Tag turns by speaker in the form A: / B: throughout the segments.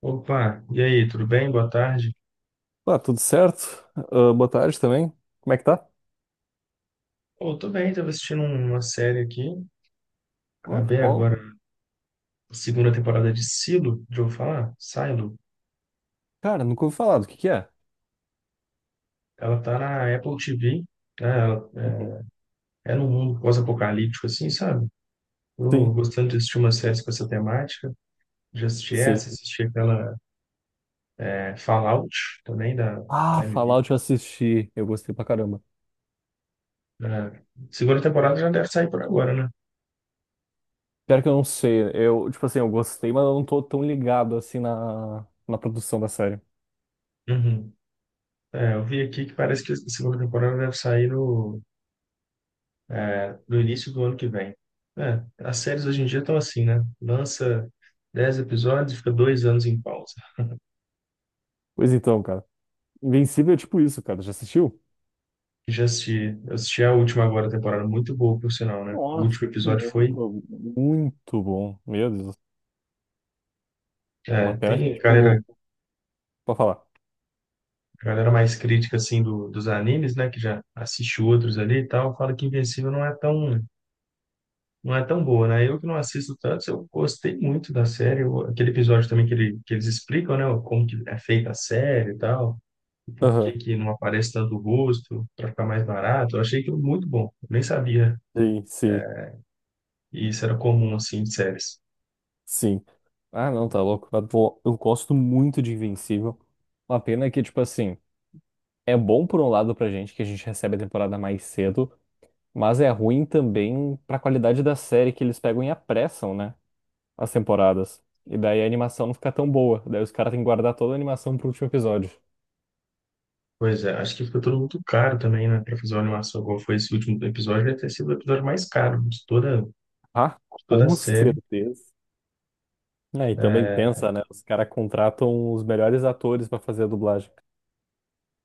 A: Opa, e aí, tudo bem? Boa tarde.
B: Tá, tudo certo? Ah, boa tarde também. Como é que tá?
A: Pô, tô bem, tava assistindo uma série aqui.
B: Ah,
A: Acabei
B: qual?
A: agora a segunda temporada de Silo, de eu falar? Silo.
B: Cara, nunca ouvi falar. Do que é?
A: Ela tá na Apple TV, né? Ela
B: Uhum.
A: é num mundo pós-apocalíptico, assim, sabe? Tô
B: Sim,
A: gostando de assistir umas séries com essa temática. Já assisti
B: sim.
A: essa, assisti aquela, Fallout também, da
B: Ah,
A: Prime
B: Fallout eu
A: Video.
B: assisti. Eu gostei pra caramba.
A: É, segunda temporada já deve sair por agora, né?
B: Pior que eu não sei. Eu, tipo assim, eu gostei, mas eu não tô tão ligado assim na produção da série.
A: Uhum. É, eu vi aqui que parece que a segunda temporada deve sair no É, do início do ano que vem. É, as séries hoje em dia estão assim, né? Lança 10 episódios e fica 2 anos em pausa.
B: Pois então, cara. Invencível é tipo isso, cara. Já assistiu?
A: Já assisti, eu assisti a última agora, a temporada muito boa, por sinal, né? O
B: Nossa,
A: último episódio foi.
B: muito, muito bom. Meu Deus. Uma pena que,
A: Tem
B: tipo, pra falar.
A: galera mais crítica, assim, dos animes, né? Que já assiste outros ali e tal, fala que Invencível Não é tão boa, né? Eu que não assisto tanto, eu gostei muito da série. Aquele episódio também que, que eles explicam, né? Como que é feita a série e tal, o porquê
B: Aham.
A: que não aparece tanto o rosto, para ficar mais barato. Eu achei aquilo muito bom. Eu nem sabia
B: Sim, sim.
A: que isso era comum, assim, de séries.
B: Sim. Ah, não, tá louco. Eu gosto muito de Invencível. Uma pena que, tipo assim, é bom por um lado pra gente, que a gente recebe a temporada mais cedo, mas é ruim também pra qualidade da série que eles pegam e apressam, né? As temporadas. E daí a animação não fica tão boa. Daí os caras têm que guardar toda a animação pro último episódio.
A: Pois é, acho que ficou tudo muito caro também, né? Para fazer uma animação igual foi esse último episódio, deve ter sido o episódio mais caro de
B: Ah,
A: toda a
B: com
A: série.
B: certeza. É, e também
A: É,
B: pensa, né? Os caras contratam os melhores atores pra fazer a dublagem.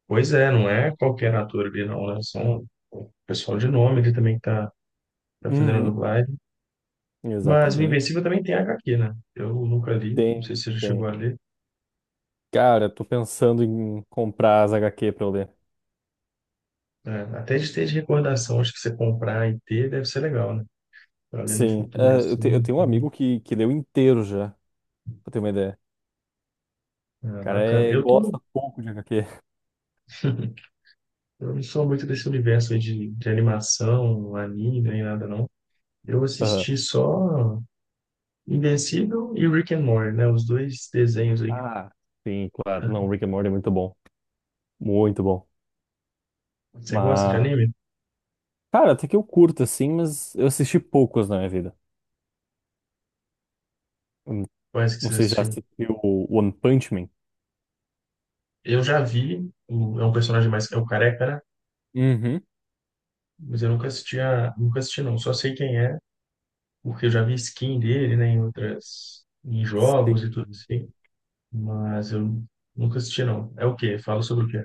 A: pois é, não é qualquer ator ali, não, né? São o pessoal de nome ali também que tá fazendo a
B: Uhum,
A: dublagem. Mas o
B: exatamente.
A: Invencível também tem H HQ, né? Eu nunca li, não sei
B: Tem,
A: se você já chegou
B: tem.
A: a ler.
B: Cara, tô pensando em comprar as HQ pra eu ler.
A: É, até de ter, de recordação, acho que você comprar e ter deve ser legal, né? Para ler no
B: Sim,
A: futuro,
B: é, eu
A: assim.
B: tenho um amigo que leu inteiro já, pra ter uma ideia. O
A: É,
B: cara
A: bacana.
B: é,
A: Eu tô.
B: gosta pouco de HQ.
A: Eu não sou muito desse universo aí de animação, anime, nem nada, não. Eu
B: Aham.
A: assisti só Invencível e Rick and Morty, né? Os dois desenhos aí.
B: Ah, sim, claro. Não, Rick and Morty é muito bom. Muito bom.
A: Você gosta de
B: Mas,
A: anime?
B: cara, até que eu curto, assim, mas eu assisti poucos na minha vida. Hum,
A: Parece que
B: Não
A: você
B: sei se já
A: assistiu.
B: assistiu o One Punch Man.
A: Eu já vi, é um é o Careca, né?
B: Uhum.
A: Mas eu nunca assisti não. Só sei quem é, porque eu já vi skin dele, né? Em jogos e tudo
B: Sim,
A: assim.
B: sim.
A: Mas eu nunca assisti não. É o quê? Fala sobre o quê?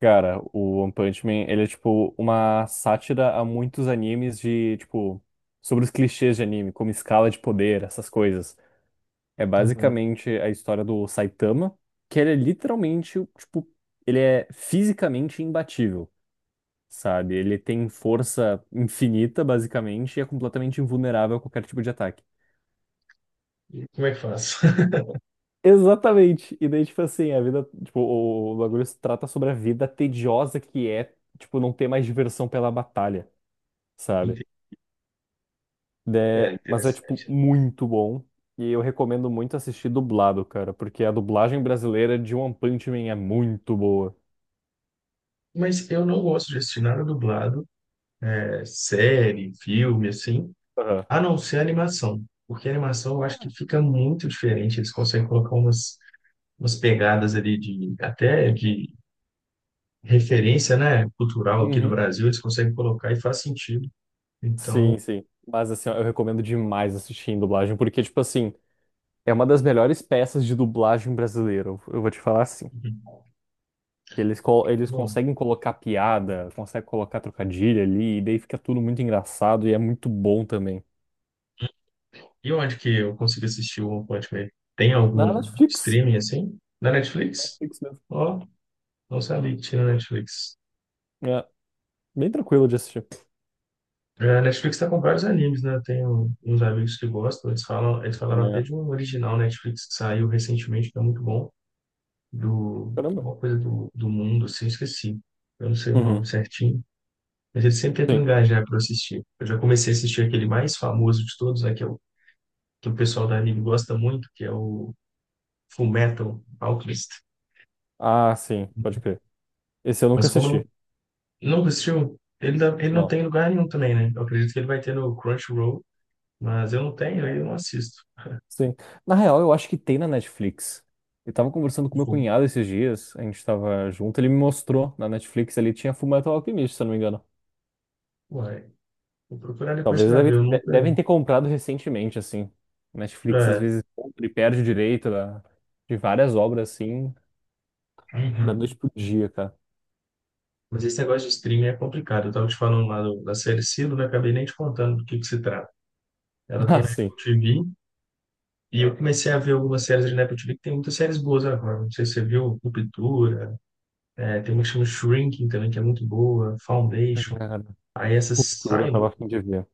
B: Cara, o One Punch Man, ele é tipo uma sátira a muitos animes de, tipo, sobre os clichês de anime, como escala de poder, essas coisas. É basicamente a história do Saitama, que ele é literalmente, tipo, ele é fisicamente imbatível, sabe? Ele tem força infinita, basicamente, e é completamente invulnerável a qualquer tipo de ataque.
A: E como é que faz?
B: Exatamente. E daí, tipo assim, a vida, tipo, o bagulho se trata sobre a vida tediosa que é, tipo, não ter mais diversão pela batalha. Sabe?
A: Ente- É
B: É, mas é, tipo,
A: interessante.
B: muito bom. E eu recomendo muito assistir dublado, cara, porque a dublagem brasileira de One Punch Man é muito boa.
A: Mas eu não gosto de assistir nada dublado, série, filme, assim,
B: Aham.
A: a não ser animação. Porque animação eu acho que fica muito diferente. Eles conseguem colocar umas pegadas ali até de referência, né, cultural aqui do
B: Uhum.
A: Brasil, eles conseguem colocar e faz sentido. Então,
B: Sim, sim. Mas assim, ó, eu recomendo demais assistir em dublagem, porque, tipo assim, é uma das melhores peças de dublagem brasileira. Eu vou te falar assim. Eles
A: bom.
B: conseguem colocar piada, conseguem colocar trocadilho ali, e daí fica tudo muito engraçado e é muito bom também.
A: E onde que eu consigo assistir o One Punch Man? Tem
B: Na
A: algum
B: Netflix.
A: streaming assim? Na Netflix?
B: Netflix mesmo.
A: Ó, não sabia que tinha na Netflix.
B: É, bem tranquilo de assistir.
A: É, a Netflix tá com vários animes, né? Tem uns amigos que gostam, eles falaram até
B: É.
A: de um original Netflix que saiu recentemente, que é muito bom,
B: Caramba.
A: alguma coisa do mundo, assim, eu esqueci. Eu não sei o nome
B: Uhum.
A: certinho, mas eles sempre tentam
B: Sim.
A: engajar para assistir. Eu já comecei a assistir aquele mais famoso de todos, né? Que o pessoal da anime gosta muito, que é o Fullmetal Alchemist.
B: Ah, sim, pode crer. Esse eu nunca
A: Mas como
B: assisti.
A: não assistiu, ele não
B: Não.
A: tem em lugar nenhum também, né? Eu acredito que ele vai ter no Crunchyroll, mas eu não tenho, aí eu não assisto.
B: Sim. Na real, eu acho que tem na Netflix. Eu tava conversando
A: Eu
B: com meu
A: falo,
B: cunhado esses dias, a gente tava junto, ele me mostrou na Netflix, ele tinha Fullmetal Alchemist, se eu não me engano.
A: ué, vou procurar depois
B: Talvez
A: para
B: deve,
A: ver, eu
B: de-
A: nunca.
B: devem ter comprado recentemente, assim. Netflix às
A: É.
B: vezes compra e perde o direito da- de várias obras, assim, da
A: Uhum.
B: noite pro dia, cara.
A: Mas esse negócio de streaming é complicado. Eu estava te falando lá da série Silo, né? Acabei nem te contando do que se trata. Ela tem
B: Ah,
A: na
B: sim.
A: Apple TV e eu comecei a ver algumas séries ali na Apple TV que tem muitas séries boas agora. Não sei se você viu Ruptura, tem uma que chama Shrinking também, que é muito boa, Foundation.
B: Cara,
A: Aí essa
B: Ruptura, eu tava a
A: Silo,
B: fim de ver.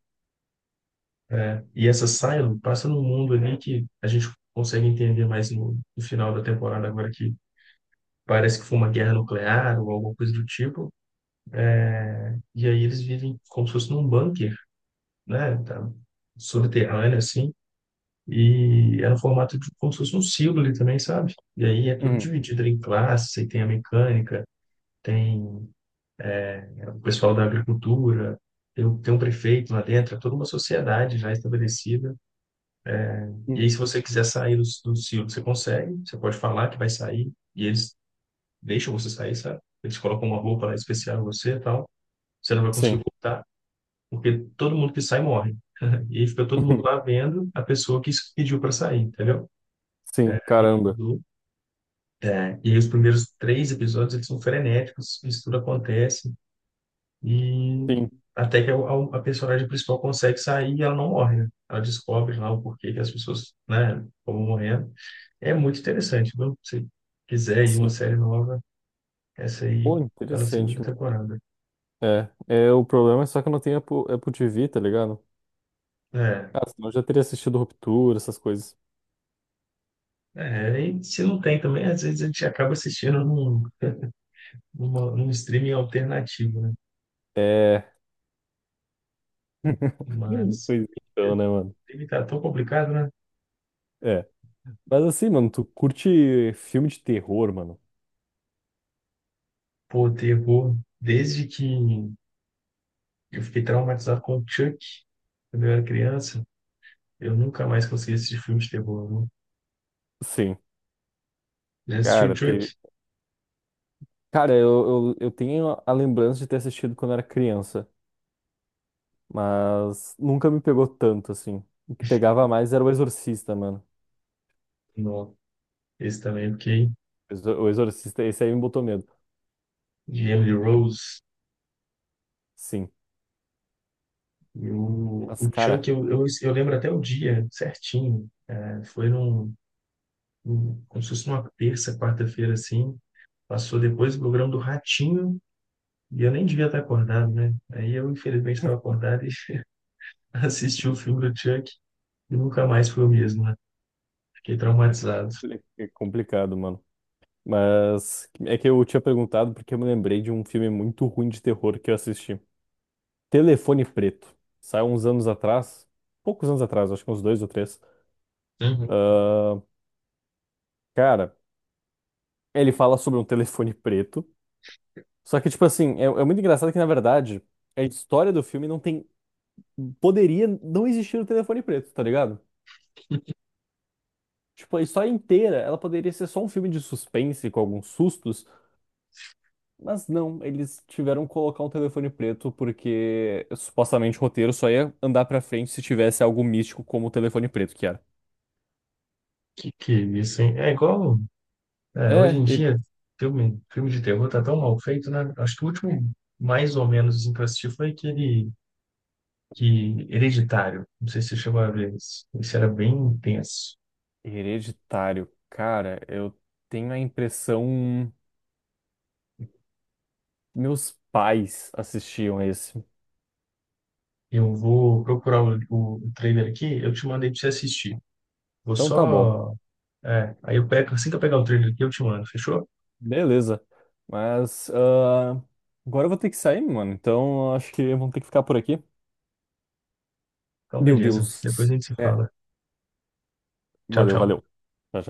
A: e essa Silo passa num mundo ali que a gente consegue entender mais no final da temporada agora, que parece que foi uma guerra nuclear ou alguma coisa do tipo. E aí eles vivem como se fosse num bunker, né? Tá, subterrâneo, assim. E é no formato de como se fosse um símbolo ali também, sabe? E aí é tudo
B: Uhum.
A: dividido em classes, aí tem a mecânica, tem, o pessoal da agricultura, tem um prefeito lá dentro, é toda uma sociedade já estabelecida. E aí, se
B: Uhum.
A: você quiser sair do símbolo, você consegue, você pode falar que vai sair, e eles deixam você sair, sabe? Eles colocam uma roupa lá especial em você e tal. Você não vai conseguir
B: Sim.
A: voltar porque todo mundo que sai morre. E aí fica todo mundo lá vendo a pessoa que pediu para sair, entendeu?
B: Sim,
A: É,
B: caramba.
A: do- e aí os primeiros 3 episódios eles são frenéticos, isso tudo acontece, e
B: Sim,
A: até que a personagem principal consegue sair e ela não morre, né? Ela descobre lá o porquê que as pessoas, né, como morrendo. É muito interessante, viu? Se quiser ir uma
B: sim.
A: série nova, essa aí
B: Pô,
A: tá na segunda
B: interessante.
A: temporada.
B: É, é, o problema é só que eu não tenho Apple, Apple TV, tá ligado?
A: É,
B: Ah, senão eu já teria assistido Ruptura, essas coisas.
A: e se não tem também, às vezes a gente acaba num streaming alternativo, né?
B: É.
A: Mas
B: Pois
A: é,
B: então, né, mano?
A: ele tá tão complicado, né?
B: É. Mas assim, mano, tu curte filme de terror, mano?
A: Pô, terror, desde que eu fiquei traumatizado com o Chuck quando eu era criança, eu nunca mais consegui assistir filme de terror, né?
B: Sim.
A: Já assisti o
B: Cara, teve...
A: Chuck?
B: Cara, eu tenho a lembrança de ter assistido quando era criança, mas nunca me pegou tanto, assim. O que pegava mais era o Exorcista, mano.
A: Não. Esse também eu fiquei,
B: O Exorcista, esse aí me botou medo.
A: de Emily Rose.
B: Sim.
A: E o,
B: Mas,
A: o
B: cara,
A: Chuck, eu lembro até o dia certinho. É, foi como se fosse numa terça, quarta-feira, assim. Passou depois do programa do Ratinho. E eu nem devia estar acordado, né? Aí eu, infelizmente, estava acordado e assisti o filme do Chuck e nunca mais fui o mesmo, né? Fiquei traumatizado.
B: é complicado, mano. Mas é que eu tinha perguntado porque eu me lembrei de um filme muito ruim de terror que eu assisti. Telefone Preto. Saiu uns anos atrás, poucos anos atrás, acho que uns dois ou três.
A: Uhum.
B: Cara, ele fala sobre um telefone preto. Só que, tipo assim, é, é muito engraçado que, na verdade, a história do filme não tem. Poderia não existir o telefone preto, tá ligado? Tipo, a história inteira, ela poderia ser só um filme de suspense com alguns sustos. Mas não, eles tiveram que colocar um telefone preto porque supostamente o roteiro só ia andar pra frente se tivesse algo místico como o telefone preto, que era.
A: Que é isso, hein? É igual, hoje
B: É,
A: em
B: he-
A: dia, filme de terror tá tão mal feito, né? Acho que o último, mais ou menos, assim, que eu assisti foi aquele que, Hereditário. Não sei se você chegou a ver esse. Esse era bem intenso.
B: Hereditário. Cara, eu tenho a impressão meus pais assistiam esse.
A: Eu vou procurar o trailer aqui, eu te mandei pra você assistir. Vou
B: Então tá bom.
A: só. É, aí eu pego, assim que eu pegar o trailer aqui, eu te mando, fechou?
B: Beleza. Mas ah, agora eu vou ter que sair, mano. Então acho que vamos ter que ficar por aqui.
A: Então,
B: Meu
A: beleza. Depois a
B: Deus.
A: gente se
B: É,
A: fala. Tchau,
B: valeu, valeu.
A: tchau.
B: Tchau, tchau.